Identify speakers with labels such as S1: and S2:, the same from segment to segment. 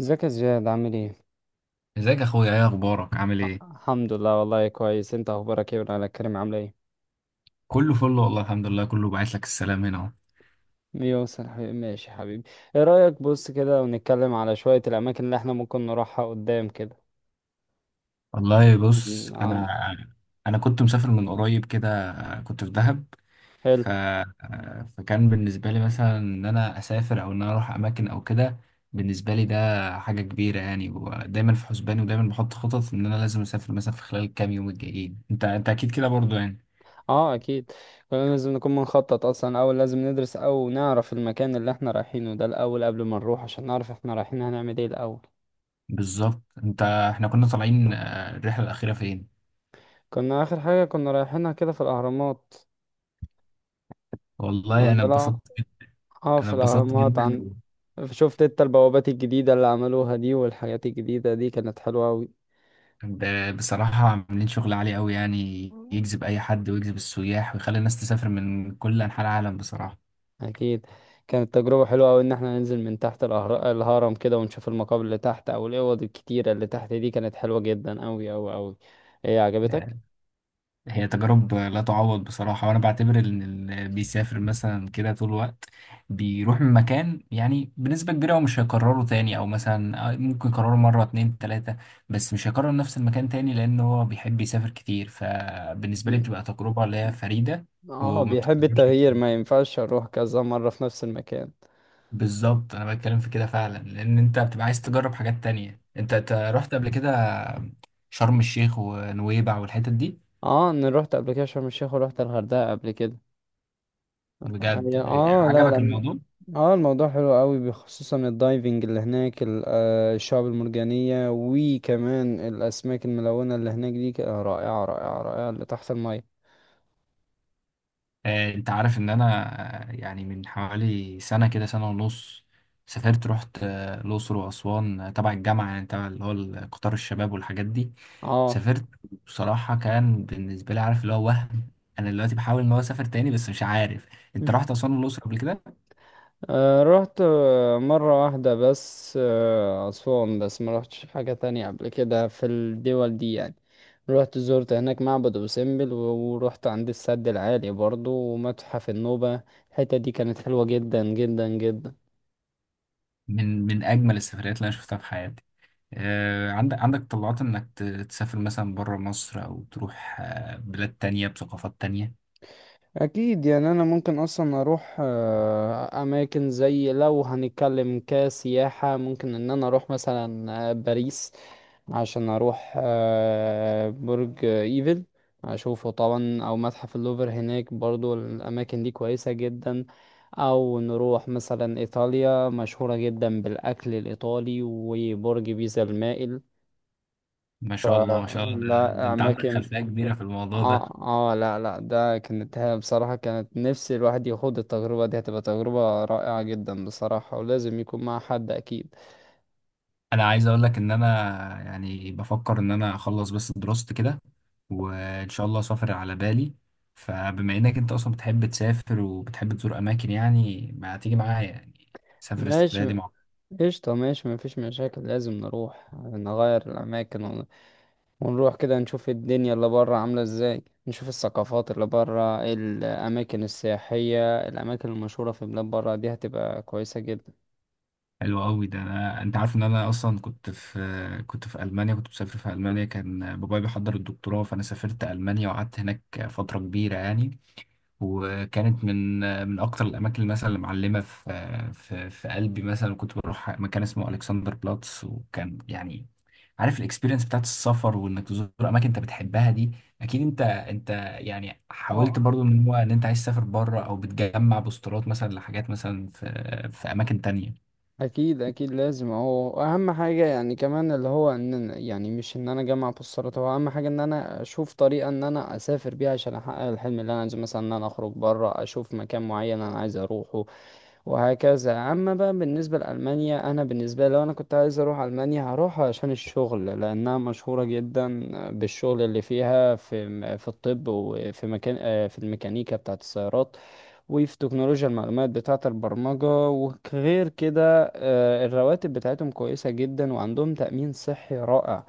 S1: ازيك يا زياد عامل ايه؟
S2: ازيك يا اخويا ايه اخبارك عامل ايه؟
S1: الحمد لله، والله كويس. انت اخبارك ايه وعلى كريم عامله ايه؟
S2: كله فل والله الحمد لله كله، بعت لك السلام هنا اهو.
S1: يوصل يا حبيبي، ماشي يا حبيبي. ايه رأيك؟ بص كده ونتكلم على شوية الاماكن اللي احنا ممكن نروحها قدام كده.
S2: والله بص
S1: م، عن
S2: انا كنت مسافر من قريب كده، كنت في دهب
S1: حلو.
S2: ف... فكان بالنسبه لي مثلا ان انا اسافر او ان انا اروح اماكن او كده. بالنسبه لي ده حاجه كبيره يعني، ودايما في حسباني، ودايما بحط خطط ان انا لازم اسافر مثلا في خلال الكام يوم الجايين. انت اكيد كده برضو يعني.
S1: اه اكيد، كلنا لازم نكون بنخطط اصلا. اول لازم ندرس او نعرف المكان اللي احنا رايحينه ده الاول قبل ما نروح، عشان نعرف احنا رايحين هنعمل ايه الاول.
S2: بالظبط. انت احنا كنا طالعين الرحله الاخيره فين؟
S1: كنا اخر حاجة كنا رايحينها كده في الاهرامات
S2: والله انا
S1: عندنا.
S2: اتبسطت جدا،
S1: اه
S2: انا
S1: في
S2: اتبسطت
S1: الاهرامات،
S2: جدا.
S1: شفت انت البوابات الجديدة اللي عملوها دي والحاجات الجديدة دي؟ كانت حلوة أوي.
S2: بصراحة عاملين شغل عالي أوي، يعني
S1: مم.
S2: يجذب أي حد ويجذب السياح ويخلي الناس تسافر من كل أنحاء العالم بصراحة.
S1: أكيد. كانت تجربة حلوة أوي إن احنا ننزل من تحت الهرم كده ونشوف المقابر اللي تحت أو الأوض الكتيرة اللي تحت دي. كانت حلوة جدا أوي أوي أوي. إيه عجبتك؟
S2: آه، هي تجارب لا تعوض بصراحة، وأنا بعتبر إن اللي بيسافر مثلا كده طول الوقت بيروح من مكان، يعني بنسبة كبيرة هو مش هيكرره تاني، أو مثلا ممكن يكرره مرة اتنين تلاتة، بس مش هيكرر نفس المكان تاني، لأن هو بيحب يسافر كتير. فبالنسبة لي بتبقى تجربة اللي هي فريدة
S1: اه
S2: وما
S1: بيحب
S2: بتتكررش
S1: التغيير،
S2: كتير.
S1: ما ينفعش أروح كذا مرة في نفس المكان.
S2: بالظبط، انا بتكلم في كده فعلا، لان انت بتبقى عايز تجرب حاجات تانية. انت رحت قبل كده شرم الشيخ ونويبع والحتت دي؟
S1: اه أنا روحت قبل كده شرم الشيخ وروحت الغردقة قبل كده. يعني
S2: بجد؟
S1: اه لا
S2: عجبك
S1: لا.
S2: الموضوع؟
S1: اه الموضوع حلو قوي، خصوصا الدايفنج اللي هناك، الشعب المرجانية، وكمان الأسماك الملونة اللي هناك دي، رائعة رائعة رائعة، اللي تحت المية.
S2: انت عارف ان انا يعني من حوالي سنة كده، سنة ونص، سافرت رحت الاقصر واسوان، تبع الجامعة، يعني تبع اللي هو قطار الشباب والحاجات دي.
S1: اه.
S2: سافرت. بصراحة كان بالنسبة لي، عارف اللي هو وهم. انا دلوقتي بحاول ان هو اسافر تاني بس مش عارف. انت رحت اسوان والاقصر قبل كده؟
S1: رحت مرة واحدة بس، أسوان، بس ما رحتش حاجة تانية قبل كده في الدول دي يعني. رحت زرت هناك معبد أبو سمبل ورحت عند السد العالي برضو ومتحف النوبة. الحتة دي كانت حلوة جدا جدا جدا.
S2: من من اجمل السفريات اللي انا شفتها في حياتي. عندك عندك طلعات انك تسافر مثلا بره مصر، او تروح بلاد تانية بثقافات تانية؟
S1: اكيد يعني انا ممكن اصلا اروح اماكن زي، لو هنتكلم كسياحة، ممكن ان انا اروح مثلا باريس، عشان اروح برج ايفل اشوفه طبعا، او متحف اللوفر هناك برضو. الاماكن دي كويسة جدا. او نروح مثلا ايطاليا، مشهورة جدا بالاكل الايطالي وبرج بيزا المائل.
S2: ما شاء الله ما شاء الله، ده
S1: لا
S2: انت عندك
S1: اماكن.
S2: خلفية كبيرة في الموضوع ده.
S1: اه. اه لا لا، ده كانت هي بصراحة، كانت نفسي الواحد يخوض التجربة دي. هتبقى تجربة رائعة جدا بصراحة، ولازم يكون مع حد أكيد.
S2: انا عايز اقول لك ان انا يعني بفكر ان انا اخلص بس دراستي كده، وان شاء الله اسافر على بالي. فبما انك انت اصلا بتحب تسافر وبتحب تزور اماكن، يعني ما تيجي معايا يعني، سافر السفرية
S1: ماشي.
S2: دي مع.
S1: قشطة، ماشي مفيش مشاكل. لازم نروح نغير الأماكن ونروح كده نشوف الدنيا اللي برا عاملة ازاي، نشوف الثقافات اللي برا، الأماكن السياحية، الأماكن المشهورة في بلاد برا. دي هتبقى كويسة جدا.
S2: حلو قوي. ده انا، انت عارف ان انا اصلا كنت في المانيا، كنت مسافر في المانيا، كان بابايا بيحضر الدكتوراه، فانا سافرت المانيا وقعدت هناك فتره كبيره يعني. وكانت من من اكتر الاماكن مثلا اللي معلمه في قلبي، مثلا كنت بروح مكان اسمه الكسندر بلاتس، وكان يعني عارف الاكسبيرينس بتاعت السفر، وانك تزور اماكن انت بتحبها دي اكيد. انت يعني حاولت
S1: اه
S2: برضو ان هو ان انت عايز تسافر بره او بتجمع بوسترات مثلا لحاجات مثلا في اماكن تانية؟
S1: اكيد اكيد، لازم هو اهم حاجه يعني. كمان اللي هو ان يعني مش ان انا اجمع بوسترات هو اهم حاجه، ان انا اشوف طريقه ان انا اسافر بيها عشان احقق الحلم اللي انا عايزه، مثلا ان انا اخرج بره، اشوف مكان معين انا عايز اروحه وهكذا. اما بقى بالنسبه لالمانيا، انا بالنسبه لي لو انا كنت عايز اروح المانيا هروح عشان الشغل، لانها مشهوره جدا بالشغل اللي فيها، في الطب، وفي مكان في الميكانيكا بتاعه السيارات، وفي تكنولوجيا المعلومات بتاعة البرمجة وغير كده. الرواتب بتاعتهم كويسة جدا، وعندهم تأمين صحي رائع.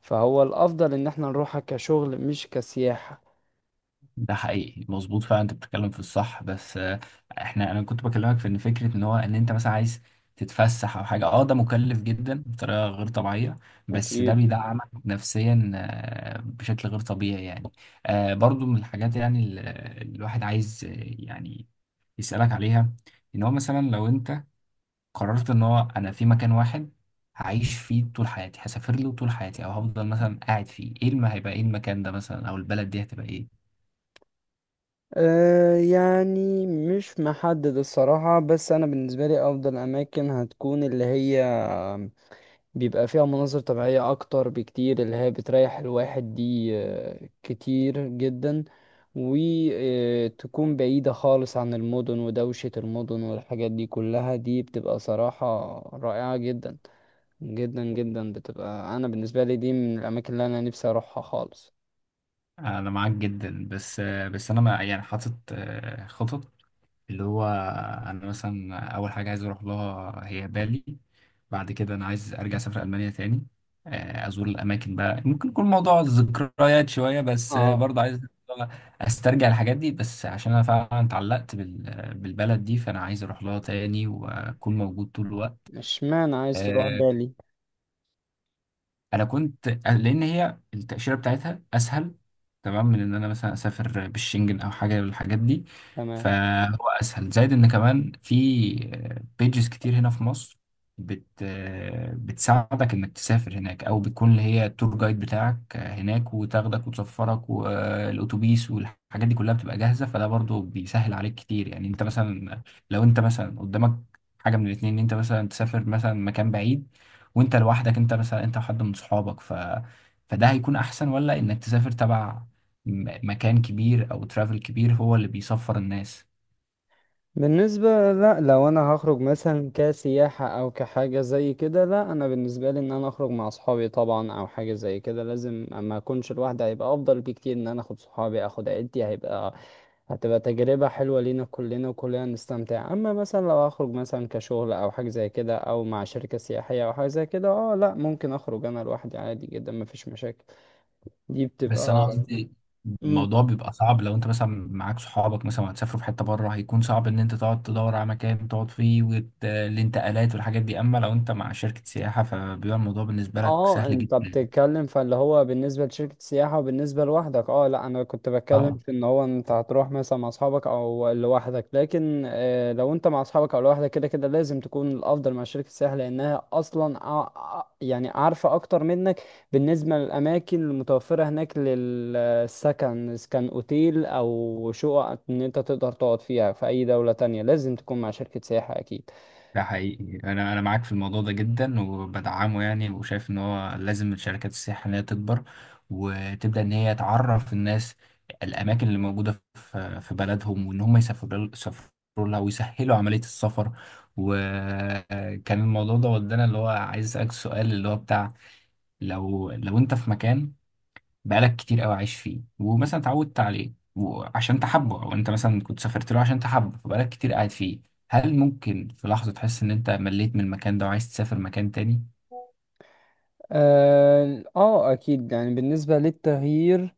S1: فهو الأفضل إن احنا نروحها كشغل مش كسياحة.
S2: ده حقيقي، مظبوط فعلا، انت بتتكلم في الصح. بس احنا، انا كنت بكلمك في ان فكره ان هو ان انت مثلا عايز تتفسح او حاجه، اه ده مكلف جدا بطريقه غير طبيعيه، بس ده
S1: أكيد.
S2: بيدعمك نفسيا بشكل غير طبيعي يعني. برضو من الحاجات يعني الواحد عايز يعني يسالك عليها، ان هو مثلا لو انت قررت ان هو انا في مكان واحد هعيش فيه طول حياتي، هسافر له طول حياتي، او هفضل مثلا قاعد فيه، ايه هيبقى ايه المكان ده مثلا، او البلد دي هتبقى ايه؟
S1: أه يعني مش محدد الصراحة، بس أنا بالنسبة لي أفضل أماكن هتكون اللي هي بيبقى فيها مناظر طبيعية أكتر بكتير، اللي هي بتريح الواحد دي كتير جدا، وتكون بعيدة خالص عن المدن ودوشة المدن والحاجات دي كلها. دي بتبقى صراحة رائعة جدا جدا جدا. بتبقى انا بالنسبه لي دي من الاماكن اللي انا نفسي اروحها خالص.
S2: انا معاك جدا، بس انا ما يعني حاطط خطط. اللي هو انا مثلا اول حاجه عايز اروح لها هي بالي، بعد كده انا عايز ارجع اسافر المانيا تاني، ازور الاماكن بقى، ممكن يكون موضوع ذكريات شويه، بس
S1: اه.
S2: برضه عايز استرجع الحاجات دي، بس عشان انا فعلا اتعلقت بالبلد دي، فانا عايز اروح لها تاني واكون موجود طول الوقت.
S1: اشمعنى عايز تروح
S2: آه،
S1: بالي؟
S2: انا كنت لان هي التاشيره بتاعتها اسهل، تمام، من ان انا مثلا اسافر بالشنجن او حاجه من الحاجات دي.
S1: تمام.
S2: فهو اسهل، زائد ان كمان في بيجز كتير هنا في مصر بت بتساعدك انك تسافر هناك، او بتكون اللي هي التور جايد بتاعك هناك وتاخدك وتسفرك، والاتوبيس والحاجات دي كلها بتبقى جاهزه، فده برضو بيسهل عليك كتير. يعني انت مثلا، لو انت مثلا قدامك حاجه من الاتنين، ان انت مثلا تسافر مثلا مكان بعيد وانت لوحدك، انت مثلا انت وحد من صحابك، فده هيكون احسن، ولا انك تسافر تبع مكان كبير او ترافل كبير هو اللي بيسفر الناس؟
S1: بالنسبة لا لو انا هخرج مثلا كسياحة او كحاجة زي كده، لا انا بالنسبة لي ان انا اخرج مع صحابي طبعا او حاجة زي كده. لازم، اما اكونش لوحدي. هيبقى افضل بكتير ان انا اخد صحابي، اخد عيلتي. هيبقى هتبقى تجربة حلوة لينا كلنا وكلنا نستمتع. اما مثلا لو اخرج مثلا كشغل او حاجة زي كده، او مع شركة سياحية او حاجة زي كده، اه لا ممكن اخرج انا لوحدي عادي جدا مفيش مشاكل. دي
S2: بس انا
S1: بتبقى.
S2: قصدي
S1: مم.
S2: الموضوع بيبقى صعب لو انت مثلا معاك صحابك مثلا هتسافروا في حتة بره، هيكون صعب ان انت تقعد تدور على مكان تقعد فيه، والانتقالات والحاجات دي. اما لو انت مع شركة سياحة فبيبقى الموضوع بالنسبة لك
S1: اه
S2: سهل
S1: انت
S2: جدا.
S1: بتتكلم فاللي هو بالنسبة لشركة السياحة وبالنسبة لوحدك. اه لا، انا كنت بتكلم
S2: اه
S1: في ان هو انت هتروح مثلا مع اصحابك او لوحدك. لكن آه، لو انت مع اصحابك او لوحدك كده كده لازم تكون الافضل مع شركة السياحة، لانها اصلا يعني عارفة اكتر منك بالنسبة للاماكن المتوفرة هناك للسكن، اذا كان اوتيل او شقق ان انت تقدر تقعد فيها في اي دولة تانية. لازم تكون مع شركة سياحة اكيد.
S2: ده حقيقي، انا انا معاك في الموضوع ده جدا وبدعمه يعني، وشايف ان هو لازم الشركات السياحيه ان هي تكبر، وتبدا ان هي تعرف الناس الاماكن اللي موجوده في بلدهم، وان هم يسافروا لها، ويسهلوا عمليه السفر. وكان الموضوع ده ودانا اللي هو عايز اسالك سؤال اللي هو بتاع، لو انت في مكان بقالك كتير قوي عايش فيه، ومثلا اتعودت عليه وعشان تحبه، او انت مثلا كنت سافرت له عشان تحبه فبقالك كتير قاعد فيه، هل ممكن في لحظة تحس ان انت مليت من المكان ده وعايز تسافر مكان تاني؟
S1: اه اكيد يعني بالنسبة للتغيير.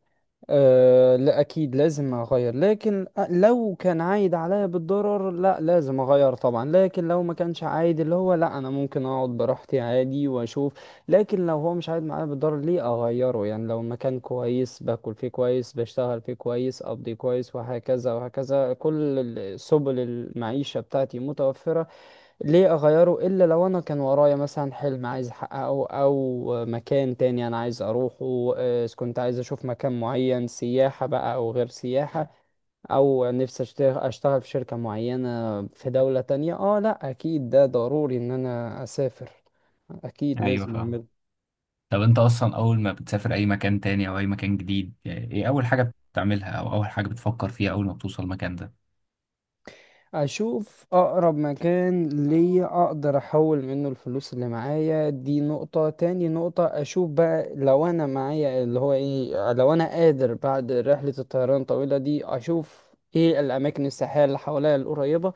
S1: أه لا أكيد لازم أغير، لكن لو كان عايد عليا بالضرر لا لازم أغير طبعا. لكن لو ما كانش عايد اللي هو لا، أنا ممكن أقعد براحتي عادي وأشوف. لكن لو هو مش عايد معايا بالضرر ليه أغيره؟ يعني لو المكان كويس، باكل فيه كويس، بشتغل فيه كويس، أقضي كويس وهكذا وهكذا، كل سبل المعيشة بتاعتي متوفرة، ليه اغيره؟ الا لو انا كان ورايا مثلا حلم عايز احققه، او مكان تاني انا عايز اروحه. إذا كنت عايز اشوف مكان معين، سياحة بقى او غير سياحة، او نفسي اشتغل اشتغل في شركة معينة في دولة تانية، اه لا اكيد ده ضروري ان انا اسافر. اكيد
S2: ايوه
S1: لازم
S2: فاهم.
S1: اعمله.
S2: طب انت اصلا اول ما بتسافر اي مكان تاني او اي مكان جديد، يعني ايه اول حاجة بتعملها او اول حاجة بتفكر فيها اول ما بتوصل المكان ده؟
S1: اشوف اقرب مكان ليا اقدر احول منه الفلوس اللي معايا، دي نقطة. تاني نقطة اشوف بقى لو انا معايا اللي هو ايه، لو انا قادر بعد رحلة الطيران الطويلة دي اشوف ايه الاماكن السياحية اللي حواليا القريبة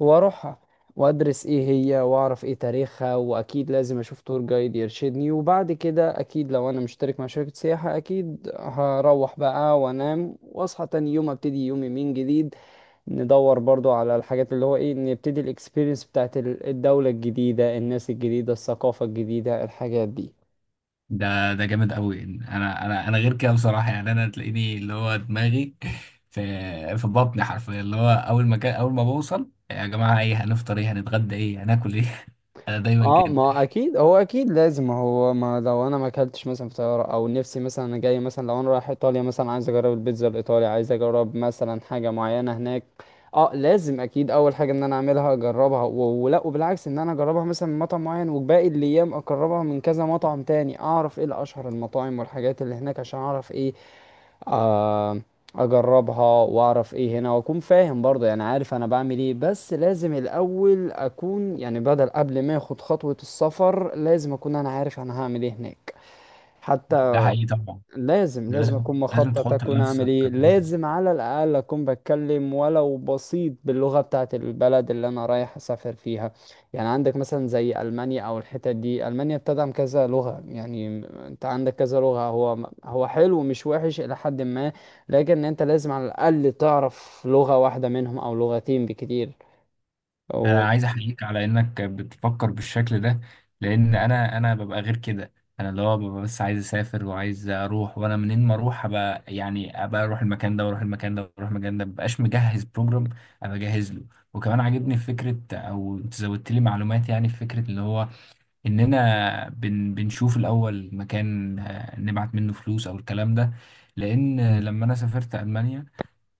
S1: واروحها، وادرس ايه هي واعرف ايه تاريخها. واكيد لازم اشوف تور جايد يرشدني، وبعد كده اكيد لو انا مشترك مع شركة سياحة اكيد هروح بقى وانام واصحى تاني يوم، ابتدي يومي من جديد. ندور برضو على الحاجات اللي هو ايه، نبتدي الاكسبيرينس بتاعت الدولة الجديدة، الناس الجديدة، الثقافة الجديدة، الحاجات دي.
S2: ده ده جامد قوي. انا غير كده بصراحه يعني، انا تلاقيني اللي هو دماغي في في بطني حرفيا، اللي هو اول ما كان اول ما بوصل، يا جماعه ايه هنفطر، ايه هنتغدى، ايه هناكل ايه. انا دايما
S1: اه
S2: كده.
S1: ما اكيد هو اكيد لازم هو، ما لو انا ما اكلتش مثلا في طياره، او نفسي مثلا انا جاي مثلا لو انا رايح ايطاليا مثلا عايز اجرب البيتزا الايطالي، عايز اجرب مثلا حاجه معينه هناك. اه لازم اكيد اول حاجه ان انا اعملها اجربها ولا، وبالعكس، ان انا اجربها مثلا من مطعم معين، وباقي الايام اجربها من كذا مطعم تاني، اعرف ايه الاشهر المطاعم والحاجات اللي هناك عشان اعرف ايه. آه، اجربها واعرف ايه هنا واكون فاهم برضه. يعني عارف انا بعمل ايه، بس لازم الاول اكون، يعني بدل قبل ما اخد خطوة السفر لازم اكون انا عارف انا هعمل ايه هناك حتى.
S2: ده حقيقي طبعا،
S1: لازم
S2: ده
S1: لازم
S2: لازم.
S1: اكون
S2: لازم
S1: مخطط
S2: تحط
S1: اكون اعمل
S2: لنفسك.
S1: ايه، لازم على الاقل اكون بتكلم ولو بسيط باللغه بتاعه البلد اللي انا رايح اسافر فيها. يعني عندك مثلا زي المانيا او الحتت دي، المانيا بتدعم كذا لغه يعني، انت عندك كذا لغه، هو هو حلو مش وحش الى حد ما. لكن انت لازم على الاقل تعرف لغه واحده منهم او لغتين بكتير.
S2: انا عايز احييك على انك بتفكر بالشكل ده، لان انا ببقى غير كده. انا اللي هو ببقى بس عايز اسافر وعايز اروح، وانا منين ما اروح ابقى يعني، ابقى اروح المكان ده واروح المكان ده واروح المكان ده، مبقاش مجهز بروجرام ابقى جاهز له. وكمان عاجبني في فكره، او انت زودت لي معلومات، يعني في فكره اللي هو اننا بنشوف الاول مكان نبعت منه فلوس او الكلام ده. لان لما انا سافرت المانيا،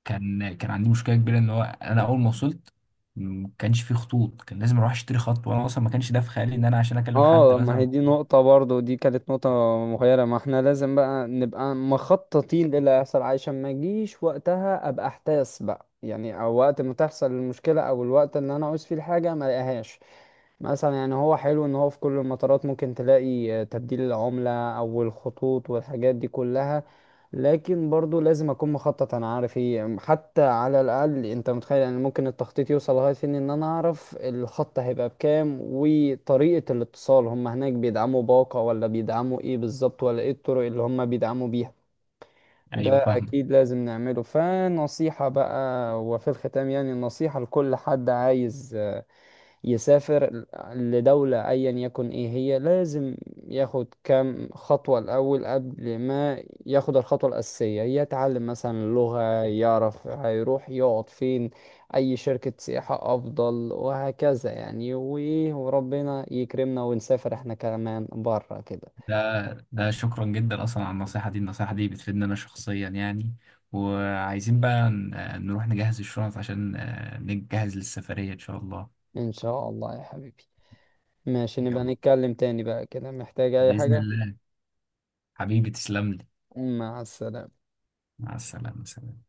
S2: كان عندي مشكله كبيره ان هو انا اول ما وصلت ما كانش فيه خطوط، كان لازم اروح اشتري خط، وانا اصلا ما كانش ده في خيالي ان انا عشان اكلم حد
S1: اه ما هي
S2: مثلا.
S1: دي نقطة برضو، دي كانت نقطة مغيرة. ما احنا لازم بقى نبقى مخططين للي هيحصل عشان ما يجيش وقتها ابقى احتاس بقى يعني، او وقت ما تحصل المشكلة او الوقت اللي انا عاوز فيه الحاجة ما الاقيهاش. مثلا يعني هو حلو ان هو في كل المطارات ممكن تلاقي تبديل العملة او الخطوط والحاجات دي كلها. لكن برضو لازم اكون مخطط انا عارف ايه حتى. على الاقل انت متخيل يعني ممكن التخطيط يوصل لغاية فين؟ ان انا اعرف الخط هيبقى بكام وطريقة الاتصال، هم هناك بيدعموا باقة ولا بيدعموا ايه بالظبط ولا ايه الطرق اللي هم بيدعموا بيها. ده
S2: ايوه فاهمه.
S1: اكيد لازم نعمله. فنصيحة بقى وفي الختام يعني، نصيحة لكل حد عايز يسافر لدولة أيا يكن إيه هي، لازم ياخد كام خطوة الأول قبل ما ياخد الخطوة الأساسية. يتعلم مثلا اللغة، يعرف هيروح يقعد فين، أي شركة سياحة أفضل، وهكذا يعني. وإيه، وربنا يكرمنا ونسافر إحنا كمان برا كده.
S2: ده ده شكرا جدا اصلا على النصيحه دي، النصيحه دي بتفيدني انا شخصيا يعني. وعايزين بقى نروح نجهز الشنط عشان نجهز للسفريه ان شاء الله.
S1: إن شاء الله يا حبيبي. ماشي، نبقى
S2: يلا،
S1: نتكلم تاني بقى كده، محتاج أي
S2: باذن
S1: حاجة.
S2: الله، حبيبي تسلم لي.
S1: مع السلامة.
S2: مع السلامه سلام.